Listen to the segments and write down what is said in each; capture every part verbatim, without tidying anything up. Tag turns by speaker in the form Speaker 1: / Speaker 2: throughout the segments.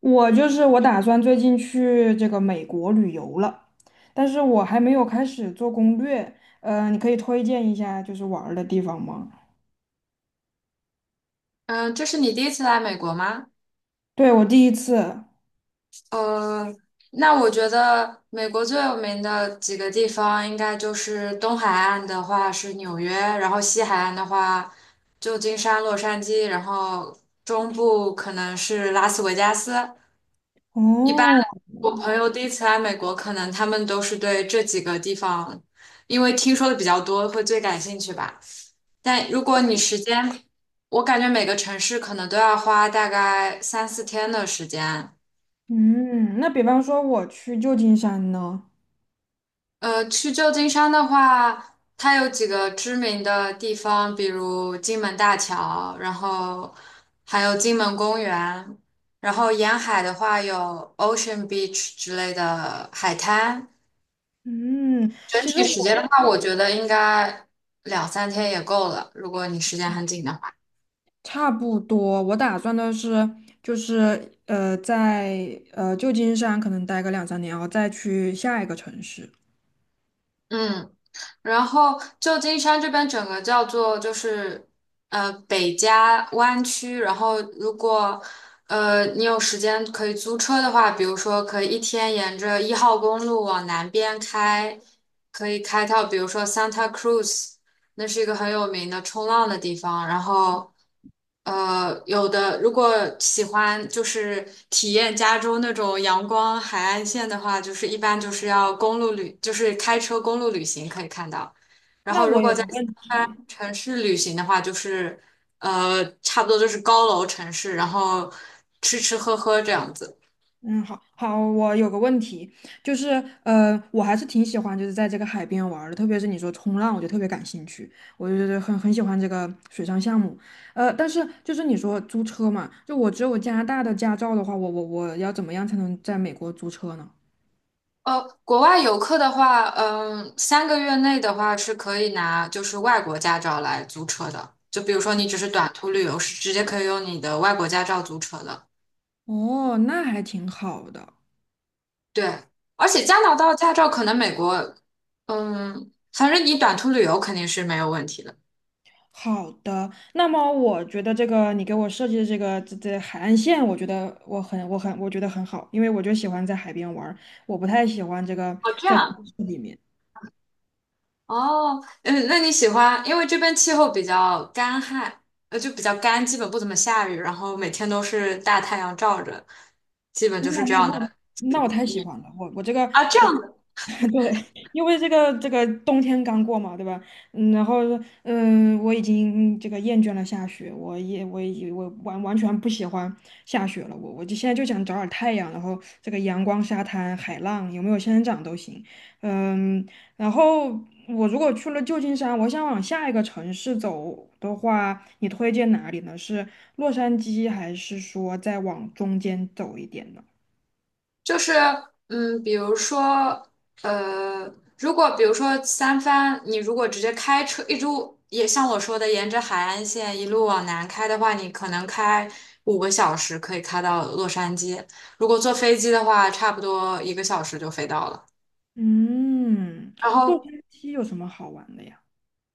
Speaker 1: 我就是我打算最近去这个美国旅游了，但是我还没有开始做攻略。呃，你可以推荐一下就是玩儿的地方吗？
Speaker 2: 嗯，这是你第一次来美国吗？
Speaker 1: 对，我第一次。
Speaker 2: 呃，那我觉得美国最有名的几个地方，应该就是东海岸的话是纽约，然后西海岸的话旧金山、洛杉矶，然后中部可能是拉斯维加斯。一般
Speaker 1: 哦。
Speaker 2: 我朋友第一次来美国，可能他们都是对这几个地方，因为听说的比较多，会最感兴趣吧。但如果你时间，我感觉每个城市可能都要花大概三四天的时间。
Speaker 1: 嗯，那比方说我去旧金山呢？
Speaker 2: 呃，去旧金山的话，它有几个知名的地方，比如金门大桥，然后还有金门公园，然后沿海的话有 Ocean Beach 之类的海滩。
Speaker 1: 嗯，
Speaker 2: 整
Speaker 1: 其实
Speaker 2: 体时间的
Speaker 1: 我
Speaker 2: 话，我觉得应该两三天也够了，如果你时间很紧的话。
Speaker 1: 差不多，我打算的是就是呃在呃旧金山可能待个两三年，然后再去下一个城市。
Speaker 2: 嗯。然后旧金山这边整个叫做就是呃北加湾区，然后如果呃你有时间可以租车的话，比如说可以一天沿着一号公路往南边开，可以开到比如说 Santa Cruz。那是一个很有名的冲浪的地方。然后，呃，有的如果喜欢就是体验加州那种阳光海岸线的话，就是一般就是要公路旅，就是开车公路旅行可以看到。然
Speaker 1: 那
Speaker 2: 后，如
Speaker 1: 我
Speaker 2: 果
Speaker 1: 有
Speaker 2: 在
Speaker 1: 个
Speaker 2: 西
Speaker 1: 问
Speaker 2: 安
Speaker 1: 题。
Speaker 2: 城市旅行的话，就是呃，差不多就是高楼城市，然后吃吃喝喝这样子。
Speaker 1: 嗯，好好，我有个问题，就是呃，我还是挺喜欢就是在这个海边玩儿的，特别是你说冲浪，我就特别感兴趣，我就觉得很很喜欢这个水上项目。呃，但是就是你说租车嘛，就我只有加拿大的驾照的话，我我我要怎么样才能在美国租车呢？
Speaker 2: 呃，国外游客的话，嗯，三个月内的话是可以拿就是外国驾照来租车的。就比如说你只是短途旅游，是直接可以用你的外国驾照租车的。
Speaker 1: 哦，那还挺好的。
Speaker 2: 对，而且加拿大驾照可能美国，嗯，反正你短途旅游肯定是没有问题的。
Speaker 1: 好的，那么我觉得这个你给我设计的这个这这海岸线，我觉得我很我很我觉得很好，因为我就喜欢在海边玩儿，我不太喜欢这个
Speaker 2: 哦，这
Speaker 1: 在。
Speaker 2: 样。哦，嗯，那你喜欢，因为这边气候比较干旱，呃，就比较干，基本不怎么下雨，然后每天都是大太阳照着，基本
Speaker 1: 那
Speaker 2: 就是这
Speaker 1: 那
Speaker 2: 样
Speaker 1: 那
Speaker 2: 的气
Speaker 1: 那我
Speaker 2: 候。
Speaker 1: 太喜欢了，我我这个
Speaker 2: 啊，这
Speaker 1: 我
Speaker 2: 样。
Speaker 1: 对，因为这个这个冬天刚过嘛，对吧？嗯，然后嗯，我已经这个厌倦了下雪，我也我也我完完全不喜欢下雪了，我我就现在就想找点太阳，然后这个阳光、沙滩、海浪，有没有仙人掌都行。嗯，然后我如果去了旧金山，我想往下一个城市走的话，你推荐哪里呢？是洛杉矶，还是说再往中间走一点呢？
Speaker 2: 就是嗯，比如说呃，如果比如说三藩，你如果直接开车一路，也像我说的，沿着海岸线一路往南开的话，你可能开五个小时可以开到洛杉矶。如果坐飞机的话，差不多一个小时就飞到了。
Speaker 1: 嗯，
Speaker 2: 然
Speaker 1: 洛
Speaker 2: 后
Speaker 1: 杉矶有什么好玩的呀？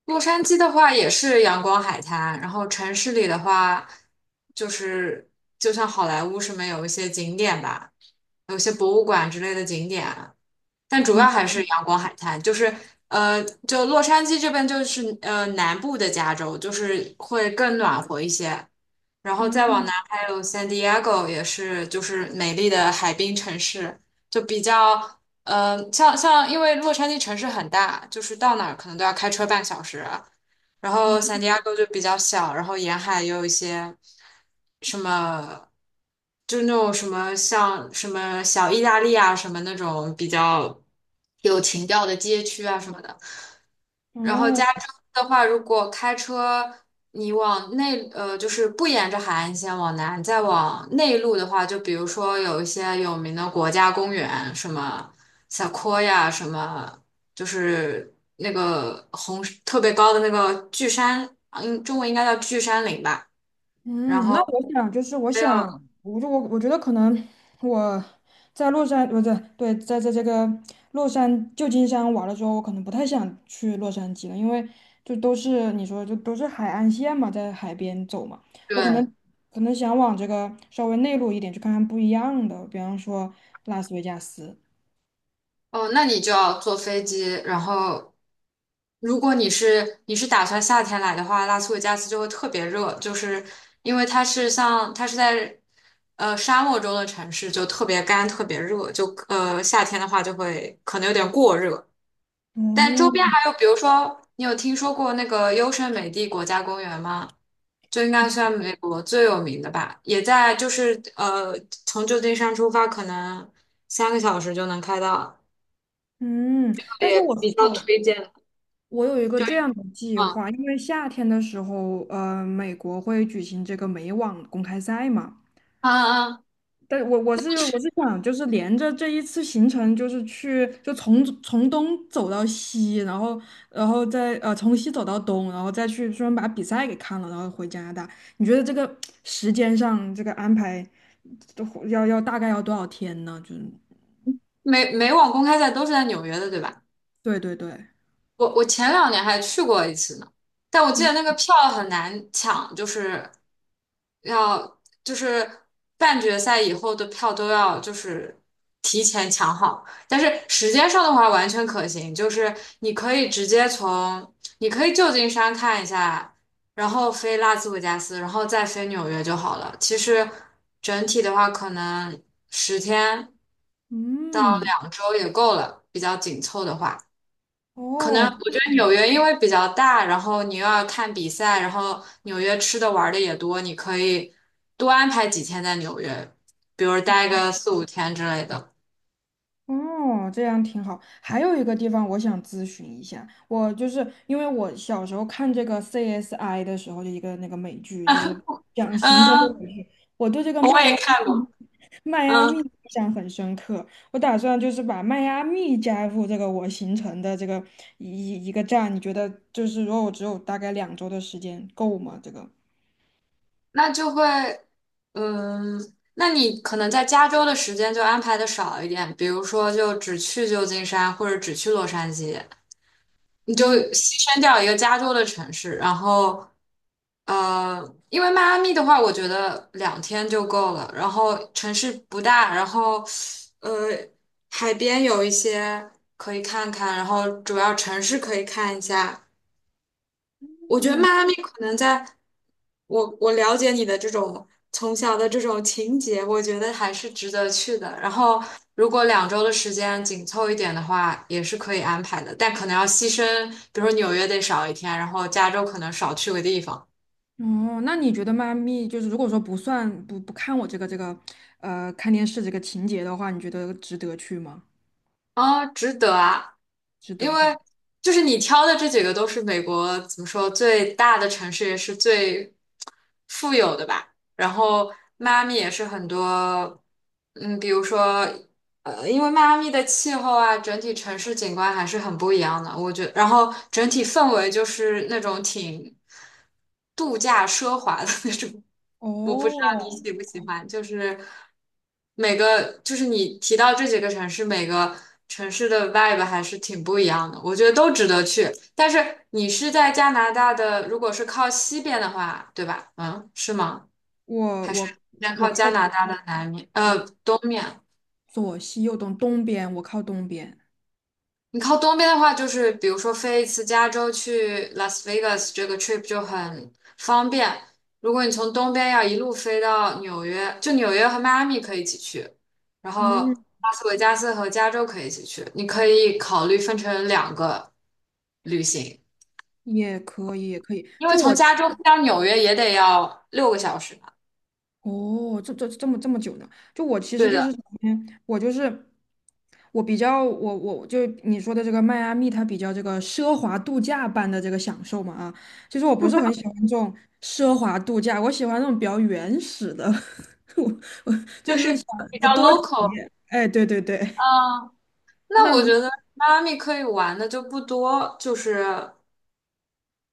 Speaker 2: 洛杉矶的话也是阳光海滩，然后城市里的话就是就像好莱坞什么有一些景点吧，有一些博物馆之类的景点。但主
Speaker 1: 嗯。
Speaker 2: 要还是阳光海滩，就是呃，就洛杉矶这边就是呃南部的加州，就是会更暖和一些。然后再往南
Speaker 1: 嗯。
Speaker 2: 还有 San Diego,也是就是美丽的海滨城市，就比较呃像像因为洛杉矶城市很大，就是到哪儿可能都要开车半小时，然后圣
Speaker 1: 嗯。
Speaker 2: 地亚哥就比较小，然后沿海也有一些什么，就那种什么像什么小意大利啊，什么那种比较有情调的街区啊什么的。然后加
Speaker 1: 哦。
Speaker 2: 州的话，如果开车你往内，呃，就是不沿着海岸线往南，再往内陆的话，就比如说有一些有名的国家公园，什么 s e q 什么就是那个红特别高的那个巨山，嗯，中文应该叫巨山岭吧。然
Speaker 1: 嗯，
Speaker 2: 后
Speaker 1: 那我想就是我
Speaker 2: 还有
Speaker 1: 想，我就我我觉得可能我在洛杉不对，对，在在这个洛杉旧金山玩了之后，我可能不太想去洛杉矶了，因为就都是你说就都是海岸线嘛，在海边走嘛，我可
Speaker 2: 对，
Speaker 1: 能可能想往这个稍微内陆一点去看看不一样的，比方说拉斯维加斯。
Speaker 2: 哦，那你就要坐飞机，然后如果你是你是打算夏天来的话，拉斯维加斯就会特别热，就是因为它是像它是在呃沙漠中的城市，就特别干，特别热，就呃夏天的话就会可能有点过热。但周边
Speaker 1: 哦。
Speaker 2: 还有，比如说你有听说过那个优胜美地国家公园吗？就应该算美国最有名的吧，也在就是呃从旧金山出发，可能三个小时就能开到。
Speaker 1: 嗯，但是
Speaker 2: 也
Speaker 1: 我
Speaker 2: 比较
Speaker 1: 哦，
Speaker 2: 推荐。
Speaker 1: 我有一个
Speaker 2: 就
Speaker 1: 这
Speaker 2: 嗯
Speaker 1: 样的计
Speaker 2: 啊
Speaker 1: 划，因为夏天的时候，呃，美国会举行这个美网公开赛嘛。
Speaker 2: 啊，啊
Speaker 1: 但我我是我是想，就是连着这一次行程，就是去就从从东走到西，然后然后再呃从西走到东，然后再去专门把比赛给看了，然后回加拿大。你觉得这个时间上这个安排，都要要大概要多少天呢？就是
Speaker 2: 美美网公开赛都是在纽约的，对吧？
Speaker 1: 对对对。
Speaker 2: 我我前两年还去过一次呢，但我记得那个
Speaker 1: 嗯。
Speaker 2: 票很难抢，就是要就是半决赛以后的票都要就是提前抢好，但是时间上的话完全可行，就是你可以直接从你可以旧金山看一下，然后飞拉斯维加斯，然后再飞纽约就好了。其实整体的话，可能十天到
Speaker 1: 嗯。
Speaker 2: 两周也够了，比较紧凑的话。可能
Speaker 1: 哦。
Speaker 2: 我觉得纽约因为比较大，然后你又要看比赛，然后纽约吃的玩的也多，你可以多安排几天在纽约，比如待个四五天之类的。
Speaker 1: 哦，这样挺好。还有一个地方我想咨询一下，我就是因为我小时候看这个 C S I 的时候，就一个那个美剧，就是讲行程的
Speaker 2: 嗯，我也看过。
Speaker 1: 迈阿
Speaker 2: 嗯，
Speaker 1: 密，印象很深刻。我打算就是把迈阿密加入这个我行程的这个一一个站，你觉得就是如果我只有大概两周的时间够吗？这个？
Speaker 2: 那就会，嗯，那你可能在加州的时间就安排的少一点，比如说就只去旧金山或者只去洛杉矶。你就
Speaker 1: 嗯。
Speaker 2: 牺牲掉一个加州的城市，然后，呃，因为迈阿密的话，我觉得两天就够了。然后城市不大，然后，呃，海边有一些可以看看，然后主要城市可以看一下，我觉得迈
Speaker 1: 嗯。
Speaker 2: 阿密可能在我我了解你的这种从小的这种情节，我觉得还是值得去的。然后，如果两周的时间紧凑一点的话，也是可以安排的，但可能要牺牲，比如说纽约得少一天，然后加州可能少去个地方。
Speaker 1: 哦，那你觉得迈阿密就是如果说不算不不看我这个这个呃看电视这个情节的话，你觉得值得去吗？
Speaker 2: 啊，值得啊，
Speaker 1: 值
Speaker 2: 因
Speaker 1: 得
Speaker 2: 为
Speaker 1: 哈。
Speaker 2: 就是你挑的这几个都是美国怎么说最大的城市，也是最富有的吧。然后迈阿密也是很多，嗯，比如说。呃，因为迈阿密的气候啊，整体城市景观还是很不一样的，我觉然后整体氛围就是那种挺度假奢华的 那种。我不知道你
Speaker 1: 哦，
Speaker 2: 喜不喜欢，就是每个就是你提到这几个城市，每个城市的 vibe 还是挺不一样的，我觉得都值得去。但是你是在加拿大的，如果是靠西边的话，对吧？嗯，是吗？
Speaker 1: 我我
Speaker 2: 那
Speaker 1: 我
Speaker 2: 靠
Speaker 1: 靠
Speaker 2: 加拿大的南面，呃，东面。
Speaker 1: 左西右东，东边我靠东边，
Speaker 2: 你靠东边的话，就是比如说飞一次加州去 Las Vegas 这个 trip 就很方便。如果你从东边要一路飞到纽约，就纽约和迈阿密可以一起去，然后
Speaker 1: 嗯，
Speaker 2: 拉斯维加斯和加州可以一起去。你可以考虑分成两个旅行，
Speaker 1: 也可以也可以。
Speaker 2: 因为
Speaker 1: 就
Speaker 2: 从
Speaker 1: 我其
Speaker 2: 加州飞到纽约也得要六个小时嘛。
Speaker 1: 哦，这这这么这么久呢？就我其实
Speaker 2: 对
Speaker 1: 就是
Speaker 2: 的，
Speaker 1: 首先我就是我比较我我就你说的这个迈阿密，它比较这个奢华度假般的这个享受嘛，啊，其实我不是很喜欢这种奢华度假，我喜欢那种比较原始的，我
Speaker 2: 就是比较
Speaker 1: 多
Speaker 2: local。
Speaker 1: 哎对对对。
Speaker 2: 嗯，那我
Speaker 1: 那
Speaker 2: 觉得迈阿密可以玩的就不多，就是。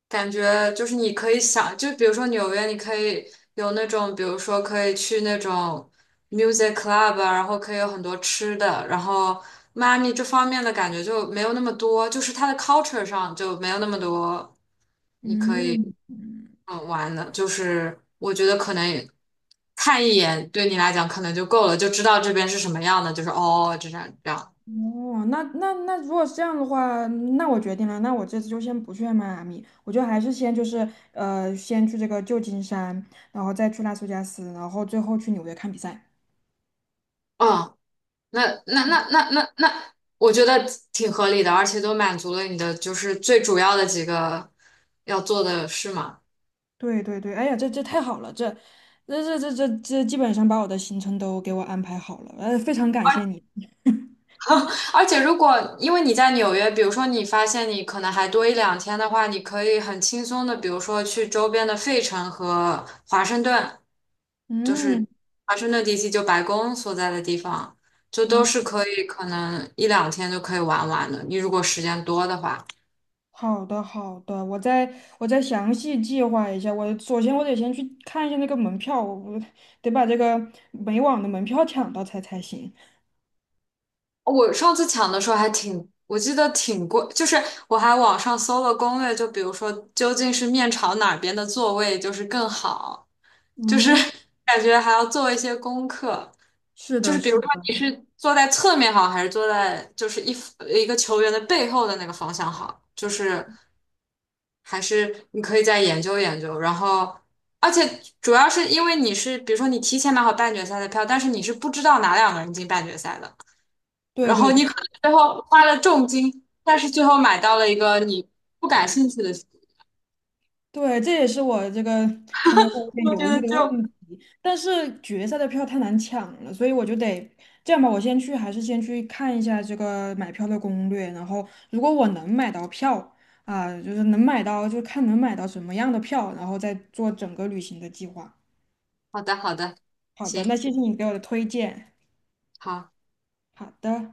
Speaker 2: 感觉就是你可以想，就比如说纽约，你可以有那种，比如说可以去那种 music club 啊然后可以有很多吃的，然后迈阿密这方面的感觉就没有那么多，就是它的 culture 上就没有那么多
Speaker 1: 嗯。
Speaker 2: 嗯玩的，就是我觉得可能也看一眼对你来讲可能就够了，就知道这边是什么样的，就是哦这样这样，
Speaker 1: 哦，那那那如果是这样的话，嗯，那我决定了，那我这次就先不去迈阿密，我就还是先就是呃，先去这个旧金山，然后再去拉斯维加斯，然后最后去纽约看比赛。
Speaker 2: 那那那那那那，我觉得挺合理的，而且都满足了你的就是最主要的几个要做的事嘛。
Speaker 1: 对对对，哎呀，这这太好了，这这这这这这基本上把我的行程都给我安排好了，呃，非常感谢你。
Speaker 2: 而且如果因为你在纽约，比如说你发现你可能还多一两天的话，你可以很轻松的，比如说去周边的费城和华盛顿，就
Speaker 1: 嗯。
Speaker 2: 是华盛顿地区，就白宫所在的地方，就都是
Speaker 1: 哦，
Speaker 2: 可以可能一两天就可以玩完的。你如果时间多的话。
Speaker 1: 好的好的，我再我再详细计划一下。我首先我得先去看一下那个门票，我我得把这个美网的门票抢到才才行。
Speaker 2: 我上次抢的时候还挺，我记得挺贵，就是我还网上搜了攻略，就比如说究竟是面朝哪边的座位就是更好，就是
Speaker 1: 嗯，
Speaker 2: 感觉还要做一些功课，
Speaker 1: 是
Speaker 2: 就是
Speaker 1: 的，
Speaker 2: 比
Speaker 1: 是
Speaker 2: 如说
Speaker 1: 的，
Speaker 2: 你是坐在侧面好，还是坐在就是一呃一个球员的背后的那个方向好，就是还是你可以再研究研究，然后。而且主要是因为你是，比如说你提前买好半决赛的票，但是你是不知道哪两个人进半决赛的，
Speaker 1: 对
Speaker 2: 然
Speaker 1: 对
Speaker 2: 后
Speaker 1: 对
Speaker 2: 你可能最后花了重金，但是最后买到了一个你不感兴趣的书
Speaker 1: 对，这也是我这个可能会有点
Speaker 2: 我觉
Speaker 1: 犹
Speaker 2: 得
Speaker 1: 豫的
Speaker 2: 就
Speaker 1: 问题。但是决赛的票太难抢了，所以我就得这样吧，我先去，还是先去看一下这个买票的攻略。然后，如果我能买到票啊，就是能买到，就看能买到什么样的票，然后再做整个旅行的计划。
Speaker 2: 好的，好的，
Speaker 1: 好的，那
Speaker 2: 行，
Speaker 1: 谢谢你给我的推荐。
Speaker 2: 好。
Speaker 1: 好的。